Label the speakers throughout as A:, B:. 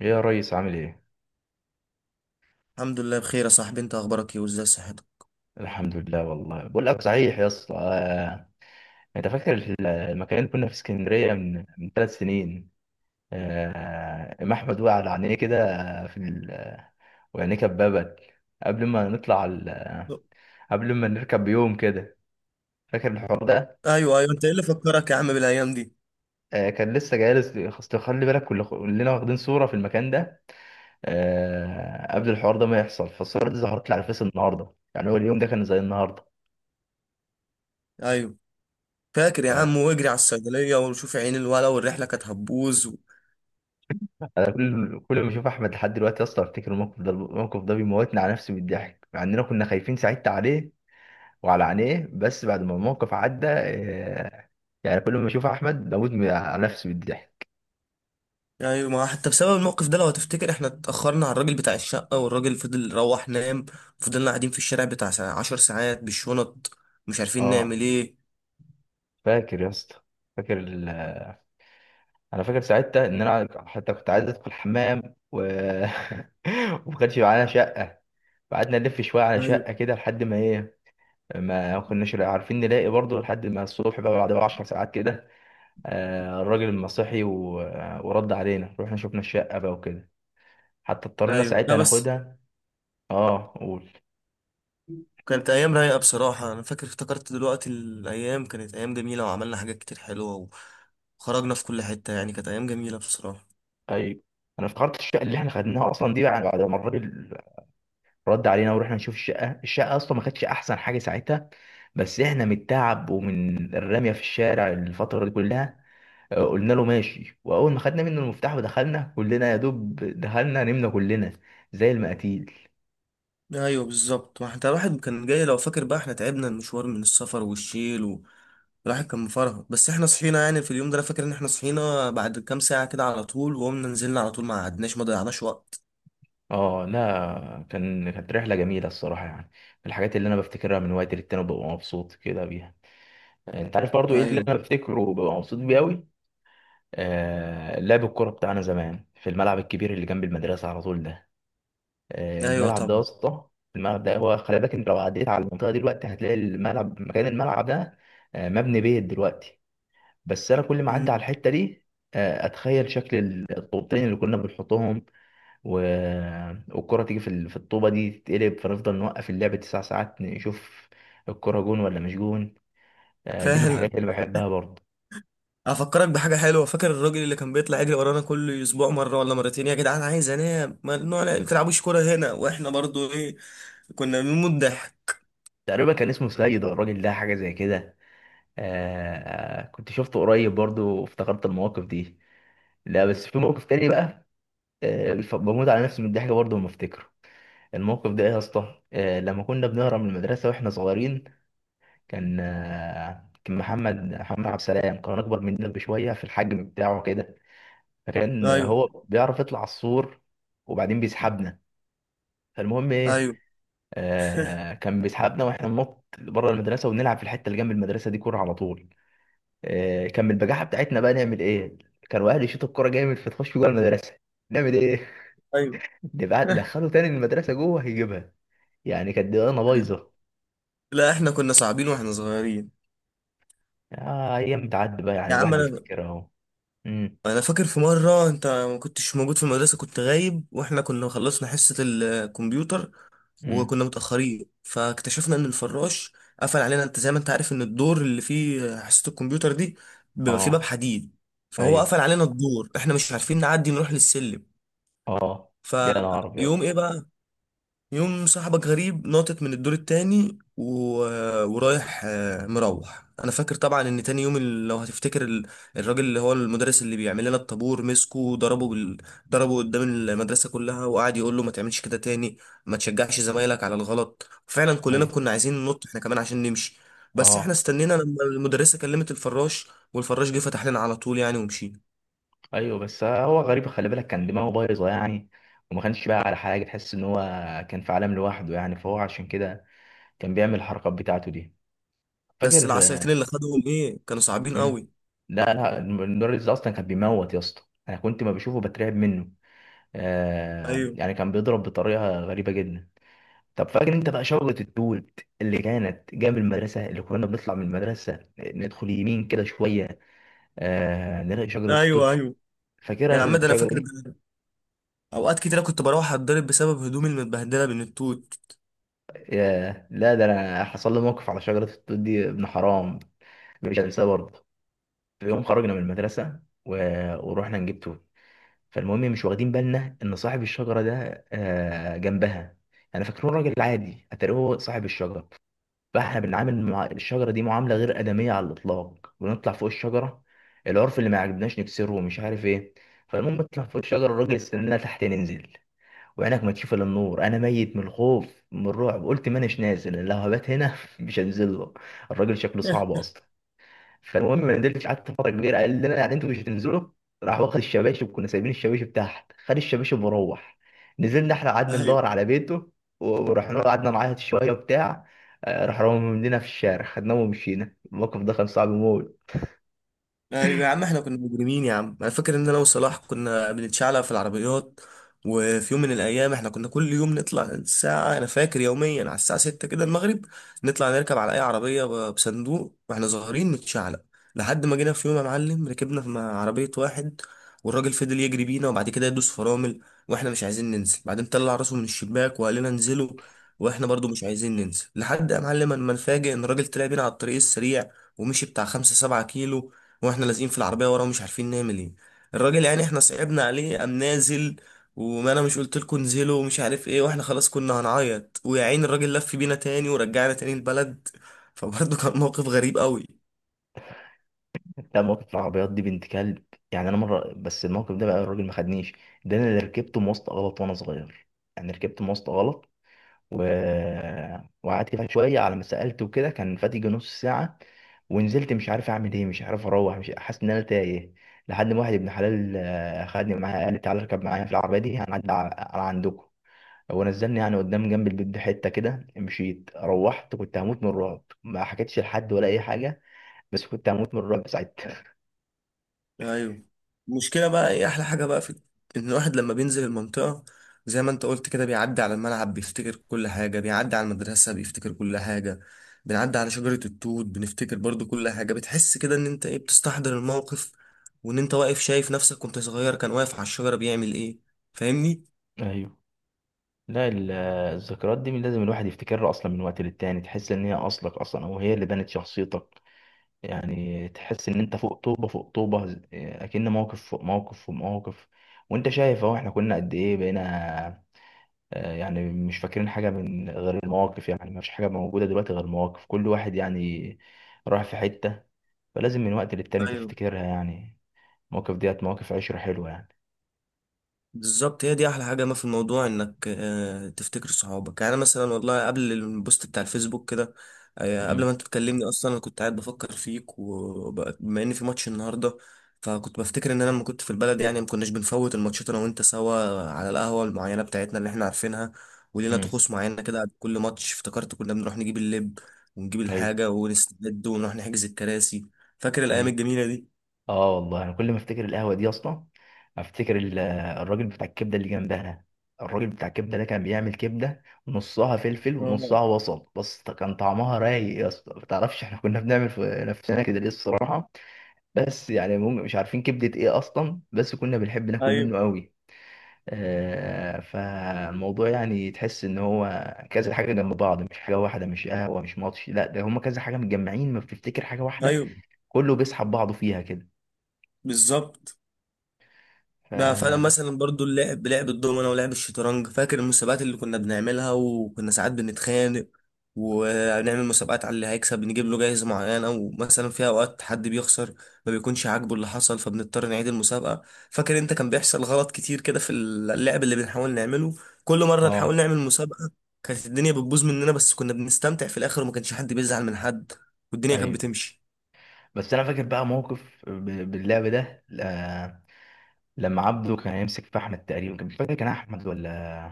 A: يا ريس عامل ايه؟
B: الحمد لله بخير يا صاحبي، انت اخبارك ايه وازاي صحتك؟
A: الحمد لله والله بقول لك صحيح يا اسطى. انت فاكر في المكان اللي كنا في اسكندريه من ثلاث سنين. ام احمد وقع على عينيه كده في ال... وعينيه كببت. قبل ما نطلع ال... قبل ما نركب بيوم كده. فاكر الحوار ده؟
B: ايوه ايوه، انت ايه اللي فكرك يا عم بالايام دي؟
A: كان لسه جالس، اصل خلي بالك كلنا واخدين صوره في المكان ده قبل الحوار ده ما يحصل. فالصوره دي ظهرت لي على الفيس النهارده، يعني هو اليوم ده كان زي النهارده.
B: ايوه، فاكر يا عم،
A: آه،
B: واجري على الصيدليه وشوف عين الولا، والرحله كانت هتبوظ.
A: كل ما اشوف احمد لحد دلوقتي اصلا افتكر الموقف ده، الموقف ده بيموتني على نفسي بالضحك مع اننا كنا خايفين ساعتها عليه وعلى عينيه. بس بعد ما الموقف عدى، يعني كل ما اشوف احمد بموت على نفسي بالضحك.
B: ايوه، ما حتى بسبب الموقف ده لو هتفتكر احنا اتاخرنا على الراجل بتاع الشقه، والراجل فضل روح نام. فضلنا قاعدين في الشارع بتاع 10 ساعات بالشنط، مش عارفين
A: اه،
B: نعمل ايه.
A: فاكر يا اسطى؟ فاكر ال... انا فاكر ساعتها ان انا حتى كنت عايز ادخل الحمام و وما كانش معانا شقه. قعدنا نلف شويه على
B: ايوه
A: شقه كده لحد ما ايه، ما كناش عارفين نلاقي برضه لحد ما الصبح بقى بعد 10 ساعات كده. الراجل المسيحي ورد علينا، رحنا شفنا الشقة بقى وكده، حتى اضطرينا
B: ايوه، لا
A: ساعتها
B: بس
A: ناخدها. اه، قول.
B: كانت ايام رايقه بصراحه. انا فاكر افتكرت دلوقتي الايام كانت ايام جميله، وعملنا حاجات كتير حلوه، وخرجنا في كل حته، يعني كانت ايام جميله بصراحه.
A: ايوه، انا افتكرت الشقة اللي احنا خدناها اصلا دي بعد ما الراجل رد علينا ورحنا نشوف الشقة. اصلا ما كانتش احسن حاجة ساعتها، بس احنا من التعب ومن الرمية في الشارع الفترة دي كلها، قلنا له ماشي. واول ما خدنا منه المفتاح ودخلنا كلنا، يا دوب دخلنا نمنا كلنا زي المقاتيل.
B: ايوه بالظبط، ما حتى الواحد كان جاي لو فاكر بقى احنا تعبنا المشوار من السفر والشيل. الواحد كان مفرهد، بس احنا صحينا يعني في اليوم ده. انا فاكر ان احنا صحينا بعد كام ساعة كده على طول، وقمنا نزلنا على طول، ما قعدناش ما ضيعناش وقت.
A: اه، لا كانت رحله جميله الصراحه، يعني من الحاجات اللي انا بفتكرها من وقت للتاني ببقى مبسوط كده بيها. انت عارف برضو ايه اللي
B: ايوه.
A: انا بفتكره وببقى مبسوط بيه قوي؟ لعب الكوره بتاعنا زمان في الملعب الكبير اللي جنب المدرسه على طول ده.
B: ايوه
A: الملعب ده يا
B: طبعا.
A: اسطى، الملعب ده هو، خلي بالك انت لو عديت على المنطقه دي دلوقتي هتلاقي الملعب، مكان الملعب ده، مبني بيت دلوقتي. بس انا كل ما اعدي على
B: مم.
A: الحته دي، اتخيل شكل الطوبتين اللي كنا بنحطهم و... والكرة تيجي في الطوبة دي تتقلب، فنفضل نوقف اللعب تسع ساعات نشوف الكرة جون ولا مش جون. دي من
B: فعلا.
A: الحاجات اللي بحبها برضه.
B: افكرك بحاجة حلوة، فاكر الراجل اللي كان بيطلع يجري ورانا كل اسبوع مرة ولا مرتين، يا جدعان عايز انام، ممنوع ما تلعبوش كورة هنا، واحنا برضو ايه، كنا بنموت ضحك.
A: تقريبا كان اسمه سيد الراجل ده، حاجة زي كده آه، كنت شفته قريب برضه وافتكرت المواقف دي. لا بس في موقف تاني بقى، بموت على نفسي من الضحك برضه لما افتكره. الموقف ده ايه يا اسطى؟ لما كنا بنهرب من المدرسة واحنا صغيرين، كان كان محمد عبد السلام كان اكبر مننا بشوية في الحجم بتاعه كده، لان
B: ايوه.
A: هو بيعرف يطلع على السور وبعدين بيسحبنا. فالمهم ايه،
B: ايوه.
A: كان بيسحبنا واحنا ننط بره المدرسه ونلعب في الحته اللي جنب المدرسه دي كوره على طول. كان من البجاحه بتاعتنا بقى نعمل ايه، كانوا اهلي يشوطوا الكوره جامد فتخش جوه المدرسه. نعمل ايه؟
B: ايوه.
A: نبقى دخله تاني المدرسه جوه هيجيبها. يعني كانت دماغنا بايظه.
B: لا احنا كنا صعبين واحنا صغيرين.
A: ايام بتعدي بقى،
B: يا
A: يعني
B: عم،
A: الواحد بيفتكرها اهو. امم
B: انا فاكر في مره انت ما كنتش موجود في المدرسه، كنت غايب، واحنا كنا خلصنا حصه الكمبيوتر،
A: امم
B: وكنا متاخرين، فاكتشفنا ان الفراش قفل علينا. انت زي ما انت عارف ان الدور اللي فيه حصه الكمبيوتر دي بيبقى فيه باب
A: اه.
B: حديد، فهو
A: ايوه.
B: قفل علينا الدور، احنا مش عارفين نعدي نروح للسلم.
A: اه، ده انا ابيض.
B: فيوم ايه بقى، يوم صاحبك غريب ناطط من الدور التاني. ورايح مروح. انا فاكر طبعا ان تاني يوم لو هتفتكر الراجل اللي هو المدرس اللي بيعمل لنا الطابور مسكه وضربه ضربه قدام المدرسة كلها، وقعد يقول له ما تعملش كده تاني، ما تشجعش زمايلك على الغلط. فعلا كلنا
A: ايوه.
B: كنا عايزين ننط احنا كمان عشان نمشي، بس احنا
A: اه.
B: استنينا لما المدرسة كلمت الفراش، والفراش جه فتح لنا على طول يعني ومشينا.
A: ايوه، بس هو غريب، خلي بالك كان دماغه بايظه يعني، وما كانش بقى على حاجه. تحس ان هو كان في عالم لوحده يعني، فهو عشان كده كان بيعمل الحركات بتاعته دي. فاكر؟
B: بس العصايتين اللي خدوهم ايه كانوا صعبين
A: مم.
B: قوي.
A: لا لا، المدرس ده اصلا كان بيموت يا اسطى، انا كنت ما بشوفه بترعب منه،
B: ايوه
A: يعني كان بيضرب بطريقه غريبه جدا. طب فاكر انت بقى شجره التوت اللي كانت جنب المدرسه، اللي كنا بنطلع من المدرسه ندخل يمين كده شويه، نلاقي شجره التوت.
B: ايوه ايوه
A: فاكرها
B: يا عم، ده انا
A: الشجره
B: فاكر
A: دي؟
B: ده. اوقات كتيرة كنت بروح اتضرب بسبب هدومي المتبهدله من التوت.
A: ياه، لا ده انا حصل لي موقف على شجره التوت دي ابن حرام، مش هنساه برضه. في يوم خرجنا من المدرسه و... ورحنا نجيب توت. فالمهم مش واخدين بالنا ان صاحب الشجره ده جنبها. انا فاكره راجل عادي، اتاري هو صاحب الشجره. فاحنا بنعامل مع الشجره دي معامله غير ادميه على الاطلاق، بنطلع فوق الشجره، العرف اللي ما عجبناش نكسره ومش عارف ايه. فالمهم نطلع فوق الشجره، الراجل استنانا تحت ننزل، وعينك ما تشوف الا النور، انا ميت من الخوف من الرعب. قلت ما اناش نازل، أنا لو هبات هنا مش هنزل له، الراجل شكله صعب اصلا. فالمهم ما نزلتش، قعدت فتره كبيره، قال لنا يعني انتوا مش هتنزلوا، راح واخد الشباشب. كنا سايبين الشباشب تحت، خد الشباشب وروح. نزلنا احنا قعدنا ندور على بيته ورحنا له، قعدنا نعيط شويه وبتاع، راح رمى مننا في الشارع، خدناه ومشينا. الموقف ده كان صعب موت.
B: ايوه يا عم، احنا كنا مجرمين يا عم. انا فاكر ان انا وصلاح كنا بنتشعلق في العربيات، وفي يوم من الايام احنا كنا كل يوم نطلع الساعه، انا فاكر يوميا على الساعه 6 كده المغرب، نطلع نركب على اي عربيه بصندوق واحنا صغيرين نتشعلق. لحد ما جينا في يوم يا معلم ركبنا في مع عربيه واحد، والراجل فضل يجري بينا، وبعد كده يدوس فرامل، واحنا مش عايزين ننزل. بعدين طلع راسه من الشباك وقال لنا انزلوا، واحنا برضو مش عايزين ننزل، لحد يا معلم ما نفاجئ ان الراجل طلع بينا على الطريق السريع، ومشي بتاع خمسة سبعة كيلو، واحنا لازقين في العربيه ورا ومش عارفين نعمل ايه. الراجل يعني احنا صعبنا عليه، قام نازل، وما انا مش قلت لكم انزلوا ومش عارف ايه، واحنا خلاص كنا هنعيط، ويا عين الراجل لف بينا تاني ورجعنا تاني البلد. فبرضه كان موقف غريب قوي.
A: ده مواقف العربيات دي بنت كلب، يعني انا مره بس الموقف ده بقى الراجل ما خدنيش، ده انا اللي ركبت مواصله غلط وانا صغير. يعني ركبت مواصله غلط و... وقعدت فيها شويه على ما سالت وكده، كان فاتي يجي نص ساعه، ونزلت مش عارف اعمل ايه، مش عارف اروح، مش حاسس ان انا تايه، لحد ما واحد ابن حلال، خدني معاه. قال لي تعالى اركب معايا في العربيه دي هنعدي على عندكم. هو نزلني يعني قدام جنب البيت بحته كده، مشيت روحت كنت هموت من الرعب، ما حكيتش لحد ولا اي حاجه، بس كنت هموت من الرعب ساعتها.
B: ايوه. المشكله بقى ايه احلى حاجه بقى في ان الواحد لما بينزل المنطقه، زي ما انت قلت كده، بيعدي على الملعب بيفتكر كل حاجه، بيعدي على المدرسه بيفتكر كل حاجه، بنعدي على شجره التوت بنفتكر برضو كل حاجه، بتحس كده ان انت ايه بتستحضر الموقف، وان انت واقف شايف نفسك كنت صغير كان واقف على الشجره بيعمل ايه، فاهمني؟
A: ايوه، لا الذكريات دي من لازم الواحد يفتكرها اصلا من وقت للتاني. تحس ان هي اصلك اصلا او هي اللي بنت شخصيتك. يعني تحس ان انت فوق طوبه فوق طوبه، اكن موقف فوق موقف فوق موقف، وانت شايف اهو احنا كنا قد ايه بقينا. يعني مش فاكرين حاجه من غير المواقف، يعني ما فيش حاجه موجوده دلوقتي غير المواقف. كل واحد يعني راح في حته، فلازم من وقت للتاني
B: ايوه
A: تفتكرها يعني. المواقف ديت مواقف عشره حلوه يعني.
B: بالظبط، هي دي احلى حاجه ما في الموضوع انك تفتكر صحابك يعني. أنا مثلا والله قبل البوست بتاع الفيسبوك كده، قبل
A: امم
B: ما انت تكلمني اصلا انا كنت قاعد بفكر فيك، وبما ان في ماتش النهارده، فكنت بفتكر ان انا لما كنت في البلد يعني ما كناش بنفوت الماتشات انا وانت سوا على القهوه المعينه بتاعتنا اللي احنا عارفينها، ولينا
A: امم
B: طقوس معينه كده قبل كل ماتش. افتكرت كنا بنروح نجيب اللب، ونجيب
A: ايوه.
B: الحاجه ونستعد ونروح نحجز الكراسي. فاكر الايام
A: ايوه.
B: الجميله دي؟
A: اه والله انا كل ما افتكر القهوه دي اصلا، افتكر الراجل بتاع الكبده اللي جنبها ده. الراجل بتاع الكبده ده كان بيعمل كبده، نصها فلفل
B: آه،
A: ونصها بصل، بس كان طعمها رايق يا اسطى. ما تعرفش احنا كنا بنعمل في نفسنا كده ليه الصراحه، بس يعني مش عارفين كبده ايه اصلا، بس كنا بنحب ناكل
B: ايوه
A: منه قوي. فالموضوع يعني تحس ان هو كذا حاجه جنب بعض، مش حاجه واحده، مش قهوه، مش ماتش، لا ده هما كذا حاجه متجمعين، ما بتفتكر حاجه واحده،
B: ايوه
A: كله بيسحب بعضه فيها كده.
B: بالظبط.
A: ف...
B: بقى فانا مثلا برضو اللعب، لعب الدومنه ولعب الشطرنج، فاكر المسابقات اللي كنا بنعملها وكنا ساعات بنتخانق، ونعمل مسابقات على اللي هيكسب نجيب له جايزه معينه، ومثلا في اوقات حد بيخسر ما بيكونش عاجبه اللي حصل فبنضطر نعيد المسابقه. فاكر انت كان بيحصل غلط كتير كده في اللعب اللي بنحاول نعمله كل مره
A: اه.
B: نحاول نعمل مسابقه. كانت الدنيا بتبوظ مننا، بس كنا بنستمتع في الاخر، وما كانش حد بيزعل من حد، والدنيا كانت
A: ايوه.
B: بتمشي.
A: بس انا فاكر بقى موقف باللعب ده، لما عبده كان هيمسك في احمد. تقريبا كان مش فاكر كان احمد ولا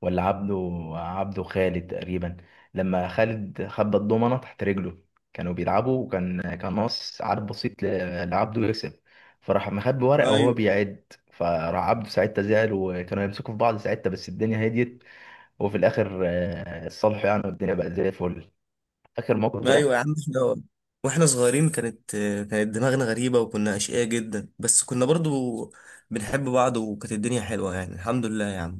A: ولا عبده، عبده خالد تقريبا. لما خالد خبى الضمنه تحت رجله، كانوا بيلعبوا، وكان ناقص عدد بسيط لعبده يكسب، فراح مخبي ورقه وهو
B: ايوه.
A: بيعد. فراح عبده ساعتها زعل، وكانوا يمسكوا في بعض ساعتها، بس الدنيا هديت. وفي الاخر، اتصالحوا يعني، والدنيا بقت زي الفل. فاكر الموقف
B: ايوه يا
A: ده؟
B: عم، احنا واحنا صغيرين كانت دماغنا غريبة، وكنا أشقياء جدا، بس كنا برضو بنحب بعض، وكانت الدنيا حلوة يعني. الحمد لله يا عم.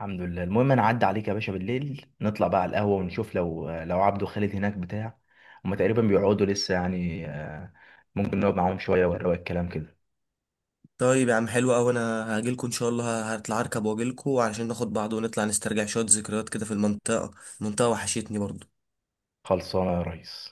A: الحمد لله. المهم انا عدى عليك يا باشا بالليل نطلع بقى على القهوه ونشوف لو عبده خالد هناك بتاع هما تقريبا بيقعدوا لسه يعني، ممكن نقعد معاهم شويه ونروق الكلام كده.
B: طيب يا عم، حلو أوي، أنا هاجيلكوا إن شاء الله، هطلع أركب وأجيلكوا علشان ناخد بعض ونطلع نسترجع شوية ذكريات كده في المنطقة. المنطقة وحشتني برضو.
A: خلصانه يا ريس.